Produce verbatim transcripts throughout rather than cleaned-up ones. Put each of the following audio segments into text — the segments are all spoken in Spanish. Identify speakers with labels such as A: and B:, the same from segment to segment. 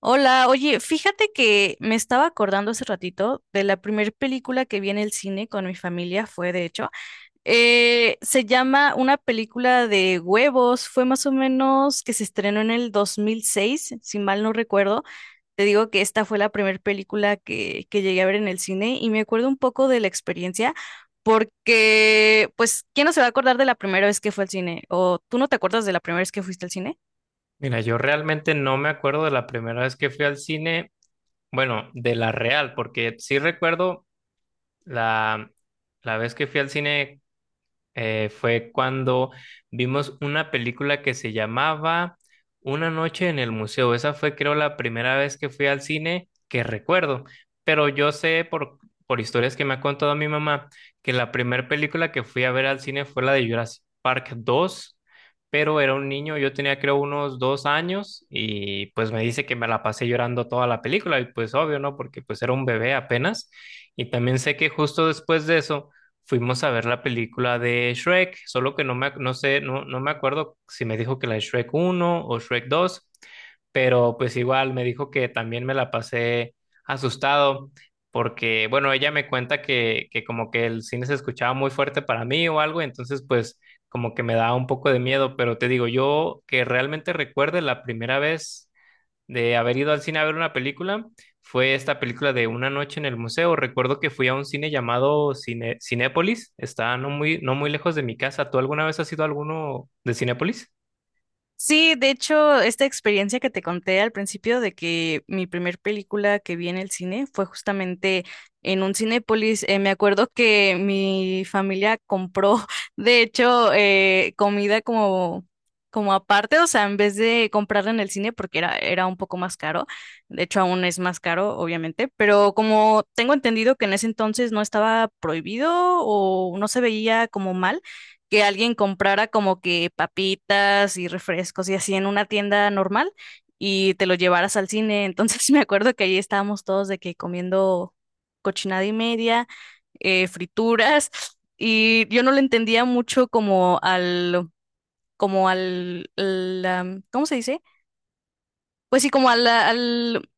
A: Hola, oye, fíjate que me estaba acordando hace ratito de la primer película que vi en el cine con mi familia, fue de hecho, eh, se llama una película de huevos, fue más o menos que se estrenó en el dos mil seis, si mal no recuerdo. Te digo que esta fue la primer película que, que llegué a ver en el cine y me acuerdo un poco de la experiencia porque, pues, ¿quién no se va a acordar de la primera vez que fue al cine? ¿O tú no te acuerdas de la primera vez que fuiste al cine?
B: Mira, yo realmente no me acuerdo de la primera vez que fui al cine, bueno, de la real, porque sí recuerdo la, la vez que fui al cine eh, fue cuando vimos una película que se llamaba Una noche en el museo. Esa fue, creo, la primera vez que fui al cine que recuerdo, pero yo sé por, por historias que me ha contado mi mamá que la primera película que fui a ver al cine fue la de Jurassic Park dos. Pero era un niño, yo tenía creo unos dos años y pues me dice que me la pasé llorando toda la película y pues obvio, ¿no? Porque pues era un bebé apenas. Y también sé que justo después de eso fuimos a ver la película de Shrek, solo que no me, ac- no sé, no, no me acuerdo si me dijo que la de Shrek uno o Shrek dos, pero pues igual me dijo que también me la pasé asustado, porque bueno, ella me cuenta que, que como que el cine se escuchaba muy fuerte para mí o algo, entonces pues como que me daba un poco de miedo, pero te digo, yo que realmente recuerde la primera vez de haber ido al cine a ver una película fue esta película de Una noche en el museo. Recuerdo que fui a un cine llamado cine, Cinépolis, está no muy, no muy lejos de mi casa. ¿Tú alguna vez has ido a alguno de Cinépolis?
A: Sí, de hecho, esta experiencia que te conté al principio de que mi primer película que vi en el cine fue justamente en un Cinépolis. Eh, me acuerdo que mi familia compró, de hecho, eh, comida como, como aparte, o sea, en vez de comprarla en el cine porque era, era un poco más caro. De hecho, aún es más caro, obviamente, pero como tengo entendido que en ese entonces no estaba prohibido o no se veía como mal que alguien comprara como que papitas y refrescos y así en una tienda normal y te lo llevaras al cine. Entonces me acuerdo que ahí estábamos todos de que comiendo cochinada y media, eh, frituras, y yo no le entendía mucho como al, como al, la- ¿cómo se dice? Pues sí, como al, al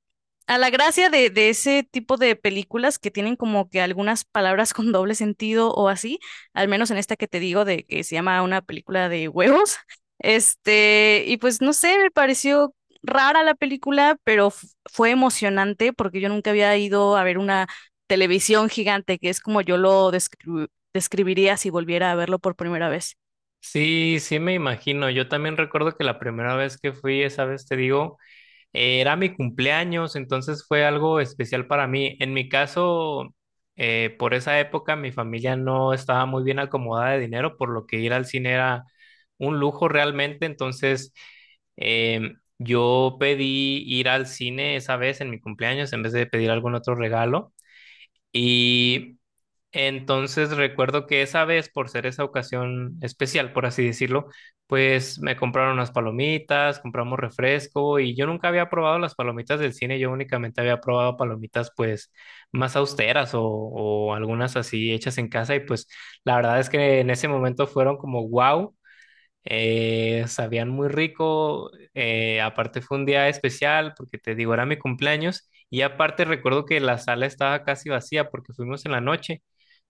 A: a la gracia de, de ese tipo de películas que tienen como que algunas palabras con doble sentido o así, al menos en esta que te digo de que se llama una película de huevos, este, y pues no sé, me pareció rara la película, pero f- fue emocionante porque yo nunca había ido a ver una televisión gigante, que es como yo lo descri- describiría si volviera a verlo por primera vez.
B: Sí, sí me imagino. Yo también recuerdo que la primera vez que fui, esa vez te digo, era mi cumpleaños, entonces fue algo especial para mí. En mi caso, eh, por esa época mi familia no estaba muy bien acomodada de dinero, por lo que ir al cine era un lujo realmente. Entonces, em, yo pedí ir al cine esa vez en mi cumpleaños en vez de pedir algún otro regalo. Y entonces recuerdo que esa vez, por ser esa ocasión especial, por así decirlo, pues me compraron unas palomitas, compramos refresco y yo nunca había probado las palomitas del cine, yo únicamente había probado palomitas pues más austeras o, o algunas así hechas en casa y pues la verdad es que en ese momento fueron como wow, eh, sabían muy rico, eh, aparte fue un día especial porque te digo, era mi cumpleaños y aparte recuerdo que la sala estaba casi vacía porque fuimos en la noche,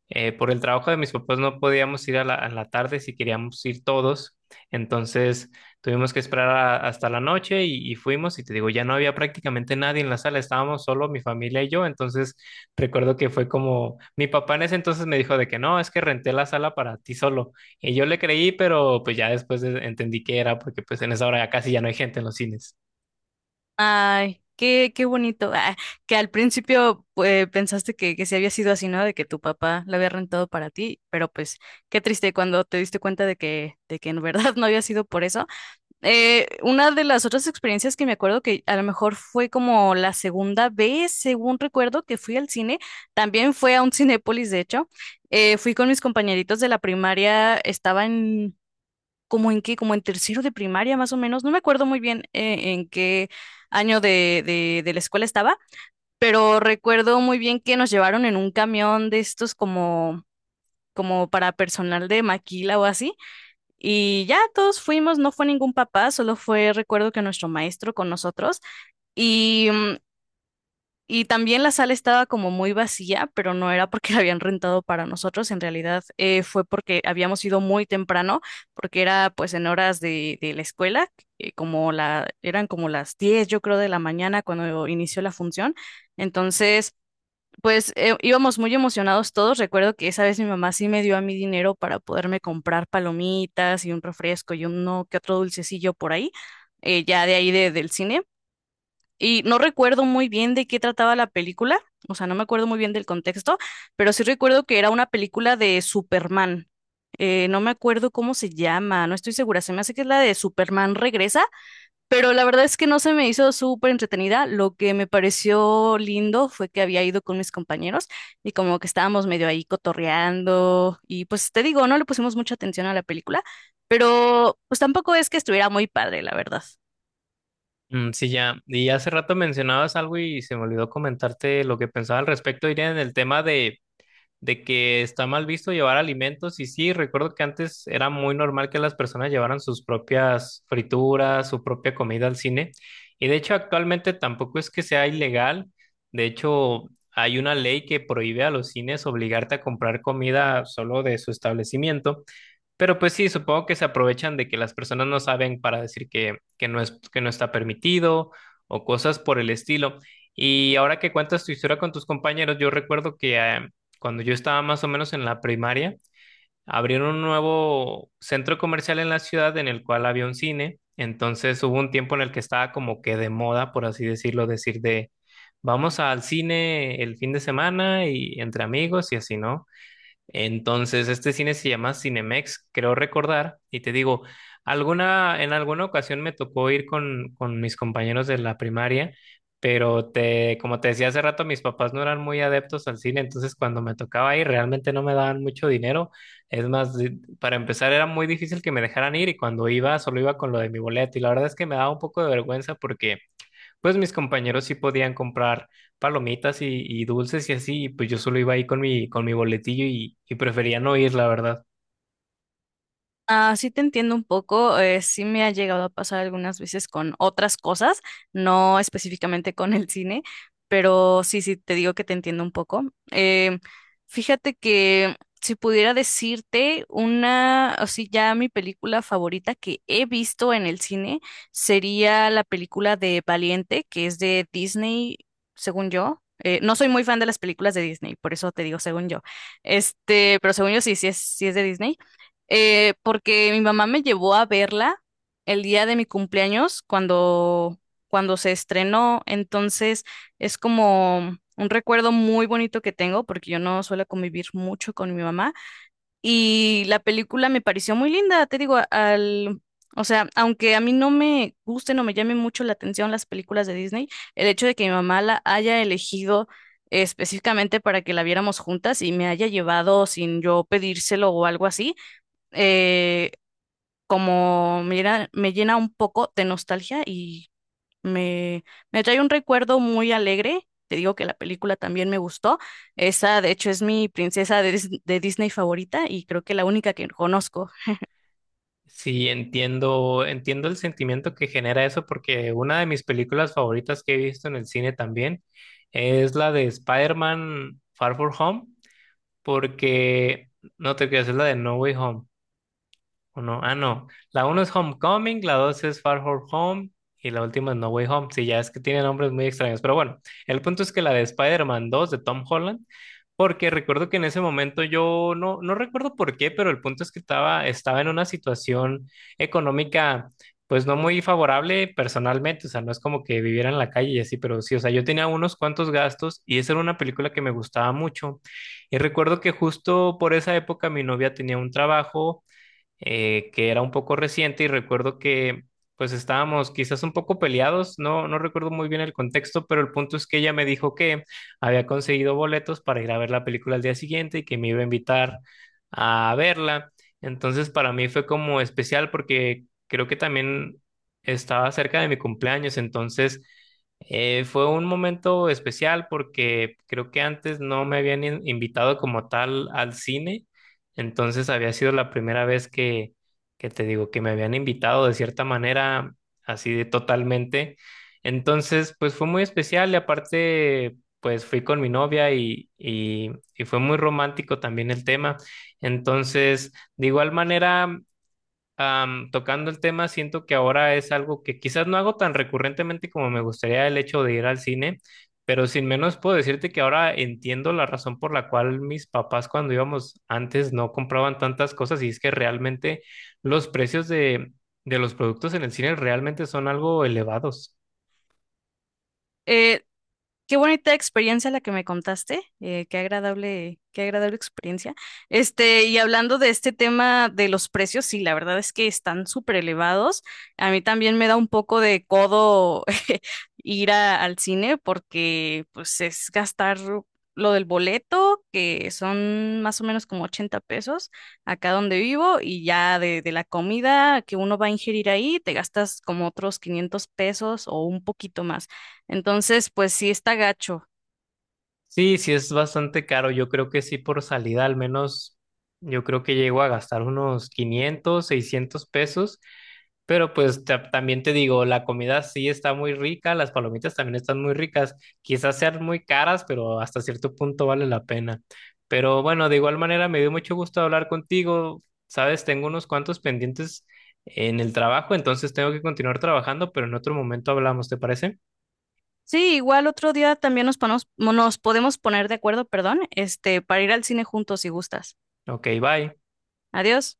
B: eh, por el trabajo de mis papás no podíamos ir a la, a la tarde si queríamos ir todos, entonces tuvimos que esperar a- hasta la noche y, y fuimos y te digo, ya no había prácticamente nadie en la sala, estábamos solo mi familia y yo. Entonces recuerdo que fue como, mi papá en ese entonces me dijo de que no, es que renté la sala para ti solo y yo le creí, pero pues ya después de- entendí que era porque pues en esa hora ya casi ya no hay gente en los cines.
A: Ay, qué, qué bonito. Ah, que al principio pues, pensaste que, que sí había sido así, ¿no? De que tu papá lo había rentado para ti, pero pues qué triste cuando te diste cuenta de que, de que en verdad no había sido por eso. Eh, una de las otras experiencias que me acuerdo que a lo mejor fue como la segunda vez, según recuerdo, que fui al cine, también fue a un Cinépolis, de hecho. Eh, fui con mis compañeritos de la primaria, estaban como en qué, como en tercero de primaria más o menos, no me acuerdo muy bien eh, en qué año de, de, de la escuela estaba, pero recuerdo muy bien que nos llevaron en un camión de estos como, como para personal de maquila o así, y ya todos fuimos, no fue ningún papá, solo fue recuerdo que nuestro maestro con nosotros, y mm, y también la sala estaba como muy vacía, pero no era porque la habían rentado para nosotros, en realidad eh, fue porque habíamos ido muy temprano, porque era pues en horas de, de la escuela, eh, como la, eran como las diez yo creo de la mañana cuando inició la función. Entonces, pues eh, íbamos muy emocionados todos. Recuerdo que esa vez mi mamá sí me dio a mí dinero para poderme comprar palomitas y un refresco y uno que otro dulcecillo por ahí, eh, ya de ahí de- del cine. Y no recuerdo muy bien de qué trataba la película, o sea, no me acuerdo muy bien del contexto, pero sí recuerdo que era una película de Superman. Eh, no me acuerdo cómo se llama, no estoy segura, se me hace que es la de Superman Regresa, pero la verdad es que no se me hizo súper entretenida. Lo que me pareció lindo fue que había ido con mis compañeros y como que estábamos medio ahí cotorreando y pues te digo, no le pusimos mucha atención a la película, pero pues tampoco es que estuviera muy padre, la verdad.
B: Mm, sí, ya. Y hace rato mencionabas algo y se me olvidó comentarte lo que pensaba al respecto, Irene, en el tema de, de que está mal visto llevar alimentos y sí, recuerdo que antes era muy normal que las personas llevaran sus propias frituras, su propia comida al cine y de hecho actualmente tampoco es que sea ilegal, de hecho hay una ley que prohíbe a los cines obligarte a comprar comida solo de su establecimiento. Pero pues sí, supongo que se aprovechan de que las personas no saben para decir que, que no es, que no está permitido o cosas por el estilo. Y ahora que cuentas tu historia con tus compañeros, yo recuerdo que eh, cuando yo estaba más o menos en la primaria, abrieron un nuevo centro comercial en la ciudad en el cual había un cine. Entonces hubo un tiempo en el que estaba como que de moda, por así decirlo, decir de vamos al cine el fin de semana y entre amigos y así, ¿no? Entonces, este cine se llama Cinemex, creo recordar, y te digo, alguna, en alguna ocasión me tocó ir con, con mis compañeros de la primaria, pero te, como te decía hace rato, mis papás no eran muy adeptos al cine, entonces cuando me tocaba ir realmente no me daban mucho dinero. Es más, di- para empezar era muy difícil que me dejaran ir y cuando iba solo iba con lo de mi boleto y la verdad es que me daba un poco de vergüenza porque pues mis compañeros sí podían comprar palomitas y, y dulces y así, y pues yo solo iba ahí con mi, con mi boletillo y, y prefería no ir, la verdad.
A: Ah, sí te entiendo un poco, eh, sí me ha llegado a pasar algunas veces con otras cosas, no específicamente con el cine, pero sí, sí te digo que te entiendo un poco. Em, Fíjate que si pudiera decirte una, o sí, ya mi película favorita que he visto en el cine sería la película de Valiente, que es de Disney, según yo. Eh, no soy muy fan de las películas de Disney, por eso te digo según yo. Este, pero según yo sí, sí es, sí es de Disney. Eh, porque mi mamá me llevó a verla el día de mi cumpleaños cuando, cuando se estrenó. Entonces es como un recuerdo muy bonito que tengo porque yo no suelo convivir mucho con mi mamá. Y la película me pareció muy linda, te digo, al... O sea, aunque a mí no me gusten o me llamen mucho la atención las películas de Disney, el hecho de que mi mamá la haya elegido específicamente para que la viéramos juntas y me haya llevado sin yo pedírselo o algo así, eh, como me llena, me llena un poco de nostalgia y me, me trae un recuerdo muy alegre. Te digo que la película también me gustó. Esa, de hecho, es mi princesa de, Dis- de Disney favorita y creo que la única que conozco.
B: Sí, entiendo, entiendo el sentimiento que genera eso porque una de mis películas favoritas que he visto en el cine también es la de Spider-Man Far From Home, porque no te creas, es la de No Way Home. Uno, ah, no. La uno es Homecoming, la dos es Far From Home y la última es No Way Home. Sí, ya es que tiene nombres muy extraños. Pero bueno, el punto es que la de Spider-Man dos de Tom Holland, porque recuerdo que en ese momento yo no, no recuerdo por qué, pero el punto es que estaba, estaba en una situación económica. Pues no muy favorable personalmente, o sea, no es como que viviera en la calle y así, pero sí, o sea, yo tenía unos cuantos gastos y esa era una película que me gustaba mucho. Y recuerdo que justo por esa época mi novia tenía un trabajo, eh, que era un poco reciente y recuerdo que pues estábamos quizás un poco peleados, no, no recuerdo muy bien el contexto, pero el punto es que ella me dijo que había conseguido boletos para ir a ver la película al día siguiente y que me iba a invitar a verla. Entonces para mí fue como especial porque creo que también estaba cerca de mi cumpleaños, entonces eh, fue un momento especial porque creo que antes no me habían in- invitado como tal al cine, entonces había sido la primera vez que, que te digo, que me habían invitado de cierta manera, así de totalmente. Entonces, pues fue muy especial y aparte, pues fui con mi novia y, y, y fue muy romántico también el tema. Entonces, de igual manera, am, tocando el tema, siento que ahora es algo que quizás no hago tan recurrentemente como me gustaría el hecho de ir al cine, pero sin menos puedo decirte que ahora entiendo la razón por la cual mis papás cuando íbamos antes no compraban tantas cosas y es que realmente los precios de, de los productos en el cine realmente son algo elevados.
A: Eh, Qué bonita experiencia la que me contaste, eh, qué agradable, qué agradable experiencia. Este, y hablando de este tema de los precios, sí, la verdad es que están súper elevados. A mí también me da un poco de codo ir a- al cine porque pues es gastar lo del boleto, que son más o menos como ochenta pesos acá donde vivo, y ya de, de la comida que uno va a ingerir ahí, te gastas como otros quinientos pesos o un poquito más. Entonces, pues sí está gacho.
B: Sí, sí es bastante caro. Yo creo que sí por salida al menos, yo creo que llego a gastar unos quinientos, seiscientos pesos. Pero pues ta- también te digo, la comida sí está muy rica, las palomitas también están muy ricas, quizás sean muy caras, pero hasta cierto punto vale la pena. Pero bueno, de igual manera me dio mucho gusto hablar contigo. Sabes, tengo unos cuantos pendientes en el trabajo, entonces tengo que continuar trabajando, pero en otro momento hablamos, ¿te parece?
A: Sí, igual otro día también nos ponemos- nos podemos poner de acuerdo, perdón, este, para ir al cine juntos si gustas.
B: Ok, bye.
A: Adiós.